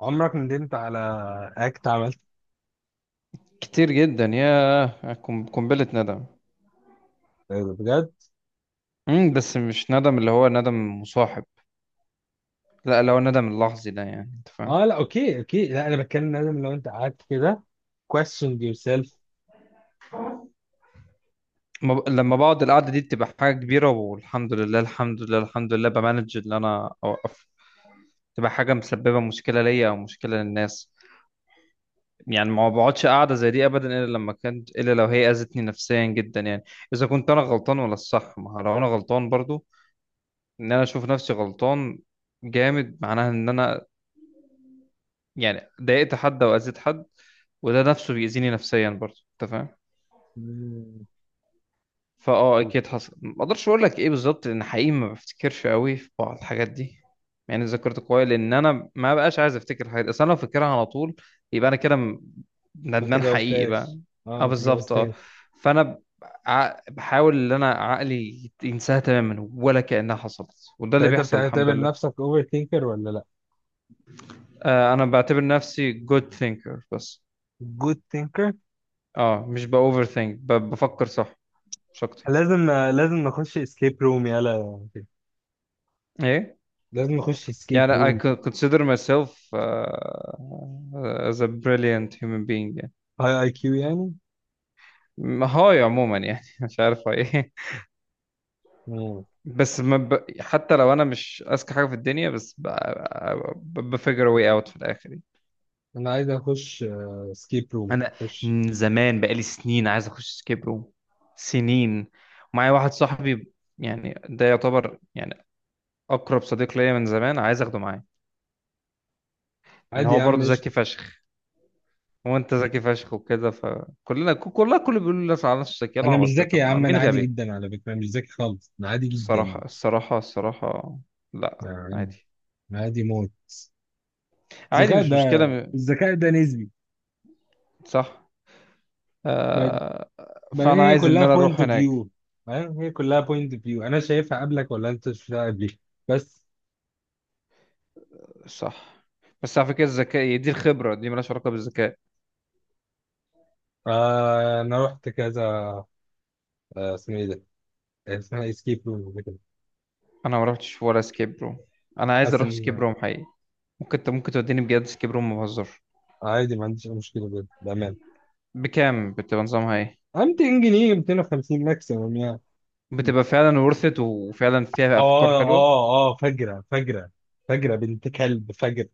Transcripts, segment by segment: عمرك ندمت على اكت عملت؟ كتير جدا يا قنبلة ندم. بجد؟ بس مش ندم اللي هو ندم مصاحب، لا اللي هو الندم اللحظي ده، يعني انت فاهم. اه، لا، اوكي اوكي، لا، انا بتكلم، لازم، لو انت قعدت كده question yourself. ما ب- لما بقعد القعدة دي بتبقى حاجة كبيرة، والحمد لله الحمد لله بمانج اللي انا اوقف، تبقى حاجة مسببة مشكلة ليا او مشكلة للناس. يعني ما بقعدش قاعدة زي دي ابدا الا لما كانت، الا لو هي اذتني نفسيا جدا يعني. اذا كنت انا غلطان ولا الصح، ما هو لو انا غلطان برضو، ان انا اشوف نفسي غلطان جامد، معناها ان انا يعني ضايقت حد او اذيت حد، وده نفسه بيأذيني نفسيا برضه، انت فاهم. مم. اكيد حصل، ما اقدرش اقول لك ايه بالظبط لان حقيقي ما بفتكرش قوي في بعض الحاجات دي، يعني ذاكرت كويس لان انا ما بقاش عايز افتكر الحاجات دي، اصل انا لو فاكرها على طول يبقى انا ما ندمان حقيقي بقى. تجاوزتهاش، اه، اه ما بالظبط اه. تجاوزتهاش. فانا ب- بحاول ان انا عقلي ينساها تماما ولا كأنها حصلت، وده طب اللي انت بيحصل الحمد بتعتبر لله. نفسك اوفر ثينكر ولا لا؟ آه انا بعتبر نفسي good thinker بس. جود ثينكر. اه مش ب overthink، بفكر صح مش اكتر. لازم لازم نخش اسكيب روم، يلا. ايه؟ لازم نخش اسكيب يعني I روم. could consider myself as a brilliant human being يعني. هاي اي كيو يعني. هاي عموما يعني مش عارف هاي ايه. مم. بس ما ب... حتى لو انا مش اذكى حاجه في الدنيا، بس بفجر واي اوت في الاخر يعني. انا عايز اخش اسكيب روم، انا خش. من زمان بقالي سنين عايز اخش سكيب روم، سنين. معايا واحد صاحبي يعني ده يعتبر يعني اقرب صديق ليا، من زمان عايز اخده معايا لان عادي هو يا عم، برضه مش. ذكي فشخ. هو انت ذكي فشخ وكده، كلها الكل بيقول لي على نفسه ذكي انا مش العبط ده، ذكي يا طب ما عم، انا مين عادي غبي؟ جدا على فكره، مش ذكي خالص، انا عادي جدا. الصراحة لا، يعني عادي، عادي موت. عادي الذكاء مش مشكلة ده، م- الذكاء ده نسبي. صح، بعد- آه. بعدين فأنا هي عايز إن كلها أنا بوينت أروح اوف هناك. فيو. فاهم، هي كلها بوينت اوف فيو، انا شايفها قبلك ولا انت شايفها قبلي؟ بس. صح، بس على فكرة الذكاء دي، الخبرة دي مالهاش علاقة بالذكاء. انا رحت كذا، اسمه ايه ده، اسمها اسكيب روم كده. أنا ما رحتش ولا سكيب روم، أنا عايز حاسس أروح سكيب ان روم حقيقي. ممكن أنت ممكن توديني بجد سكيب روم، ما بهزرش. عادي، ما عنديش اي مشكله، بجد بامان. بكام بتبقى؟ نظامها إيه؟ 200 جنيه، 250 ماكسيمم يعني. بتبقى فعلا ورثت وفعلا فيها أفكار اه حلوة. اه اه، فجرة فجرة، فجرة بنت كلب، فجرة.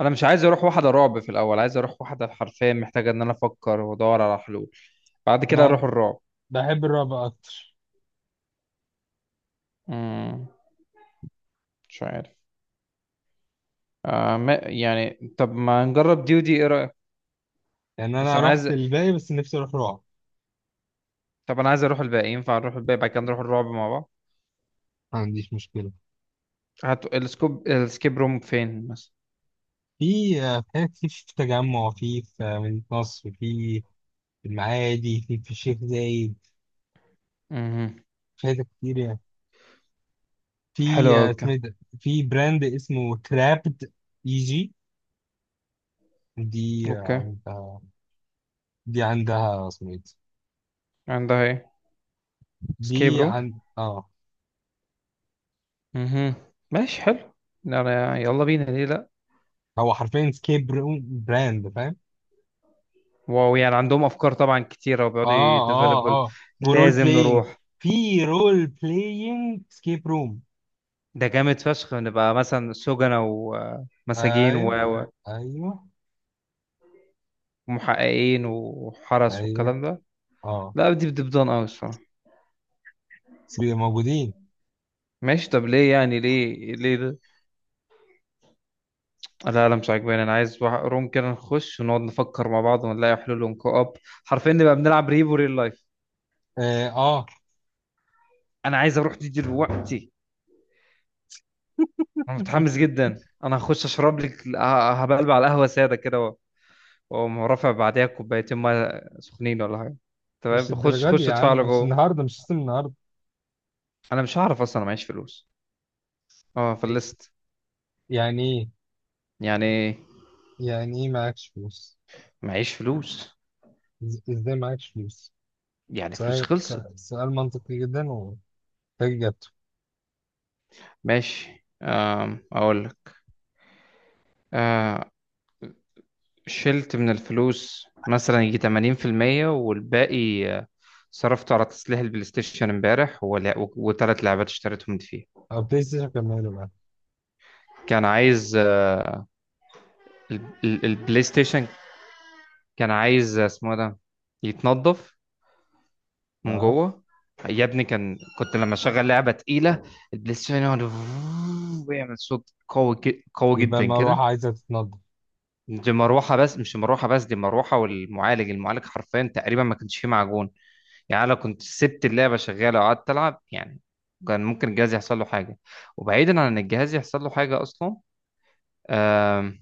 انا مش عايز اروح واحده رعب في الاول، عايز اروح واحده حرفيا محتاجه ان انا افكر وادور على حلول، بعد كده ما ب- اروح الرعب. بحب الرعب اكتر. امم مش عارف. آه ما يعني، طب ما نجرب دي ودي، ايه رايك؟ يعني بس انا انا رحت عايز، الباقي، بس نفسي اروح رعب. طب انا عايز اروح الباقي، ينفع نروح الباقي بعد كده نروح الرعب مع بعض. ما عنديش مشكلة. هات السكوب، السكيب روم فين مثلا؟ في حاجات كتير، في التجمع، في مدينة نصر، في في المعادي، في الشيخ زايد. امم في حاجات كتير يعني. حلو في أوي، اوكي. اسمه إيه ده، في براند اسمه كرابد جي، دي اوكي. عندها، دي عندها اسمه ايه ده؟ عندها ايه؟ سكيب دي روم. عند امم ماشي حلو. أنا يلا بينا، ليه لا؟ هو حرفيا سكيب، براند فاهم. واو، يعني عندهم افكار طبعا كتيره وبيقعدوا اه اه يديفلوبل. اه، ورول لازم بلاينج، نروح. في رول بلاينج سكيب روم. ده جامد فشخ، نبقى مثلا سجنة ومساجين ايوه و- ايوه ومحققين وحرس ايوه، والكلام ده. اه. لا دي بتبدون قوي الصراحة. موجودين. ماشي، طب ليه؟ يعني ليه؟ ليه ده؟ لا مش عاجباني، انا عايز روم كده نخش ونقعد نفكر مع بعض ونلاقي حلول ونكو اب، حرفيا نبقى بنلعب ريبو ريل لايف. اه. انا عايز اروح دي دلوقتي. انا متحمس جدا، انا هخش اشرب لك هبلبع على القهوة سادة كده واقوم رافع بعديها كوبايتين ميه سخنين ولا حاجة. مش تمام خش، الدرجة دي خش يا عم، ادفع له مش جوه. النهاردة، مش السيستم النهاردة. انا مش هعرف اصلا، انا معيش فلوس. اه فلست. يعني ايه؟ يعني يعني ايه معاكش فلوس؟ معيش فلوس. ازاي معاكش فلوس؟ يعني فلوس سؤال خلصت. سؤال سؤال منطقي جدا، وفاك اجابته. ماشي، اقول لك. آه، شلت من الفلوس مثلا يجي 80%، والباقي صرفته على تصليح البلاي ستيشن امبارح، و3 لعبات اشتريتهم دي. او بلاي ستيشن كمله بقى. كان عايز البلاي ستيشن كان عايز، اسمه إيه ده، يتنضف من اه، جوه. يا ابني كان، كنت لما اشغل لعبة تقيلة البلاي ستيشن يقعد ويعمل صوت قوي، قوي يبقى جدا المروحة كده. عايزة تتنضف. دي مروحة بس، مش مروحة بس، دي مروحة والمعالج، المعالج حرفيا تقريبا ما كانش فيه معجون. يعني أنا لو كنت سبت اللعبة شغالة وقعدت ألعب يعني، كان ممكن الجهاز يحصل له حاجة. وبعيدا عن إن الجهاز يحصل له حاجة أصلا، آم،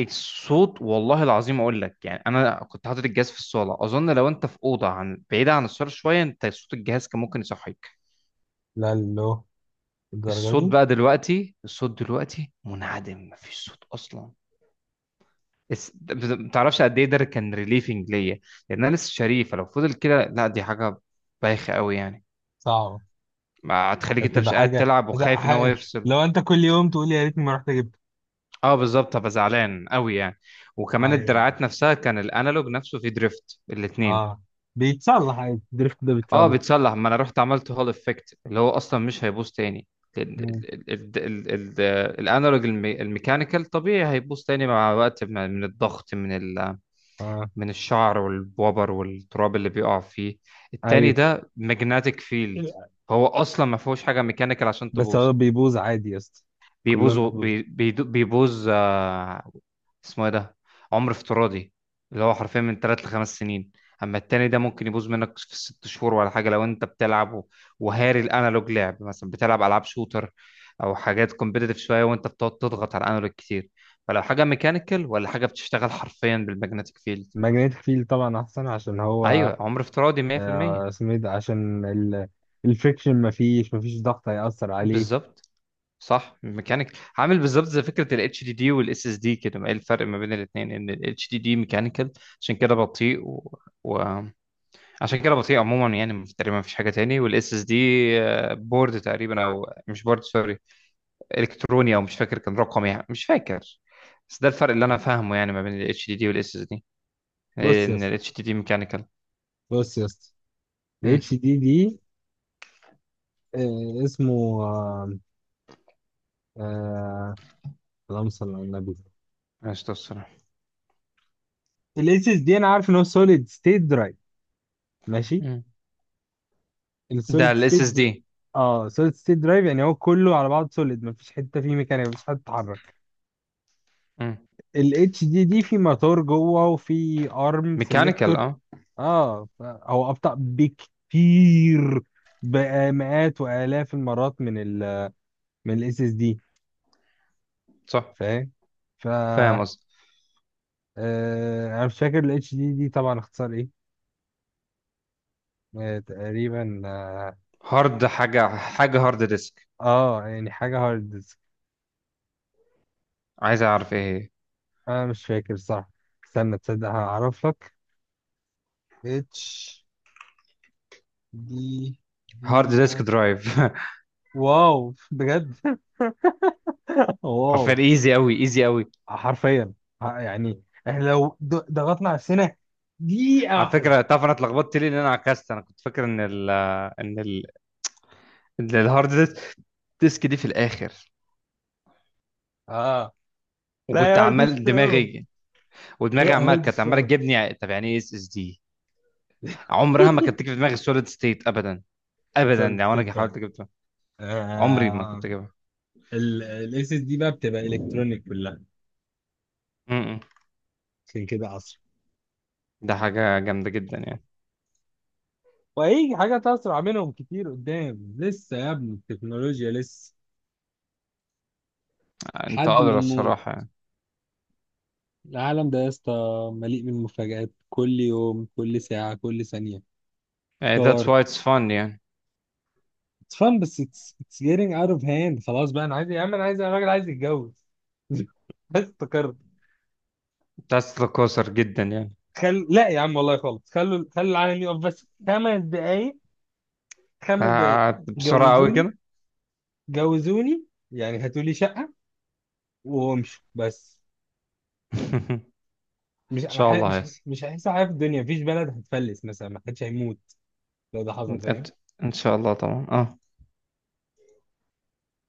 الصوت والله العظيم أقول لك، يعني أنا كنت حاطط الجهاز في الصالة، أظن لو أنت في أوضة عن بعيدة عن الصالة شوية، أنت صوت الجهاز كان ممكن يصحيك. لا، لو الدرجة الصوت دي بقى دلوقتي، الصوت دلوقتي منعدم، مفيش صوت أصلا. ما تعرفش قد ايه ده كان ريليفنج ليا، لان انا لسه شريف، لو فضل كده لا دي حاجه بايخه قوي يعني. صعبة. ما هتخليك انت هتبقى مش قاعد حاجة، تلعب وخايف ان هو يفصل. لو انت كل يوم تقول لي يا ريتني ما رحت جبت. اه بالظبط، هبقى زعلان قوي يعني. وكمان ايوه، الدراعات نفسها كان الانالوج نفسه فيه دريفت، الاثنين. اه، بيتصلح عادي، الدريفت ده اه بيتصلح. بيتصلح، ما انا رحت عملت هول افكت اللي هو اصلا مش هيبوظ تاني. ال- مم. ال- ال- ال- ال- الانالوج، الميكانيكال طبيعي هيبوظ تاني مع وقت، من الضغط، اه. من الشعر والبوبر والتراب اللي بيقع فيه. التاني ايوه، ده ماجنتيك فيلد، فهو اصلا ما فيهوش حاجه ميكانيكال عشان بس تبوظ. هو بيبوظ عادي يا اسطى. كلهم بيبوظ، بيبوظ. بيبوظ، اسمه ايه ده، عمر افتراضي، اللي هو حرفيا من 3 ل5 سنين. اما التاني ده ممكن يبوظ منك في 6 شهور ولا حاجه لو انت بتلعب وهاري الانالوج لعب، مثلا بتلعب العاب شوتر او حاجات كومبيتيتيف شويه وانت بتقعد تضغط على الانالوج كتير. فلو حاجه ميكانيكال، ولا حاجه بتشتغل حرفيا بالماجنتيك فيلد. الماجنيتيك فيل طبعا احسن عشان هو، ايوه، عمر افتراضي 100%، اسمه ايه ده، عشان ال... الفريكشن، مفيش ضغط هيأثر عليه. بالظبط. صح، ميكانيك عامل بالظبط زي فكره الاتش دي دي والاس اس دي كده. ما ايه الفرق ما بين الاثنين؟ ان الاتش دي دي ميكانيكال عشان كده بطيء و... عشان كده بطيء عموما يعني، تقريبا مفيش حاجه تاني. والاس اس دي بورد تقريبا، او مش بورد سوري، الكتروني، او مش فاكر كان رقم يعني، مش فاكر. بس ده الفرق اللي انا فاهمه يعني ما بين الاتش دي دي والاس اس دي، بص يا ان اسطى، الاتش دي دي ميكانيكال. بص يا اسطى، ال امم اتش دي دي. اسمه، آه، اللهم صل على النبي. ماشي توصل. الاس اس دي، انا عارف ان هو سوليد ستيت درايف. ماشي، ده السوليد الاس ستيت. اس دي. اه، سوليد ستيت درايف، يعني هو كله على بعض سوليد، مفيش حته فيه ميكانيكا، مفيش حته تتحرك. ال اتش دي دي في موتور جوه، وفي ارم ميكانيكال سيلكتور. اه، اه، هو ابطأ بكتير، بقى مئات والاف المرات من ال من الاس اس دي. صح. فاهم. ف فاهم قصدي. انا مش فاكر الاتش دي دي طبعا اختصار ايه. تقريبا اه. هارد، حاجه هارد ديسك، يعني حاجه هارد ديسك. عايز اعرف ايه هي. انا مش فاكر صح، استنى تصدق هعرف لك. اتش دي دي هارد ديسك اف. درايف. واو بجد. حرفيا واو. ايزي قوي، ايزي قوي. حرفيا، يعني احنا لو ضغطنا على السنة دقيقة على واحدة. فكره تعرف انا اتلخبطت ليه؟ لان انا عكست، انا كنت فاكر ان ال ان ال إن الهارد ديسك دي في الاخر، اه، لا وكنت يا هندس، عمال في الأول. دماغي، ودماغي لا عمال هندس، كانت في عماله الأول. تجيبني طب يعني ايه اس اس دي، عمرها ما كانت تيجي في دماغي سوليد ستيت ابدا. ابدا سوليد لو ستيت انا فعلا. حاولت اجيبها عمري ما كنت اجيبها. الاس اس دي بقى بتبقى الكترونيك كلها، م- م. عشان كده اسرع. ده حاجه جامده جدا يعني. وهيجي حاجات اسرع منهم كتير قدام، لسه يا ابني التكنولوجيا لسه، انت لحد ما قادر نموت. الصراحه يعني. العالم ده يا اسطى مليء بالمفاجآت، كل يوم، كل ساعة، كل ثانية. يعني that's كار، why it's fun يعني. It's fun، بس it's getting out of hand، خلاص بقى. انا عايز يا عم، انا عايز، الراجل عايز يتجوز. بس افتكرت. بس قاصر جدا يعني. لا يا عم والله، خالص، خلوا خلوا العالم يقف بس 5 دقايق. 5 دقايق، بسرعة قوي جوزوني كده. جوزوني، يعني هاتوا لي شقة وامشوا بس. ان شاء الله مش هيحصل. مش هيحصل حاجة في الدنيا، مفيش بلد هتفلس مثلا، ما حدش هيموت لو ده حصل، فاهم. انت ان شاء الله طبعا اه.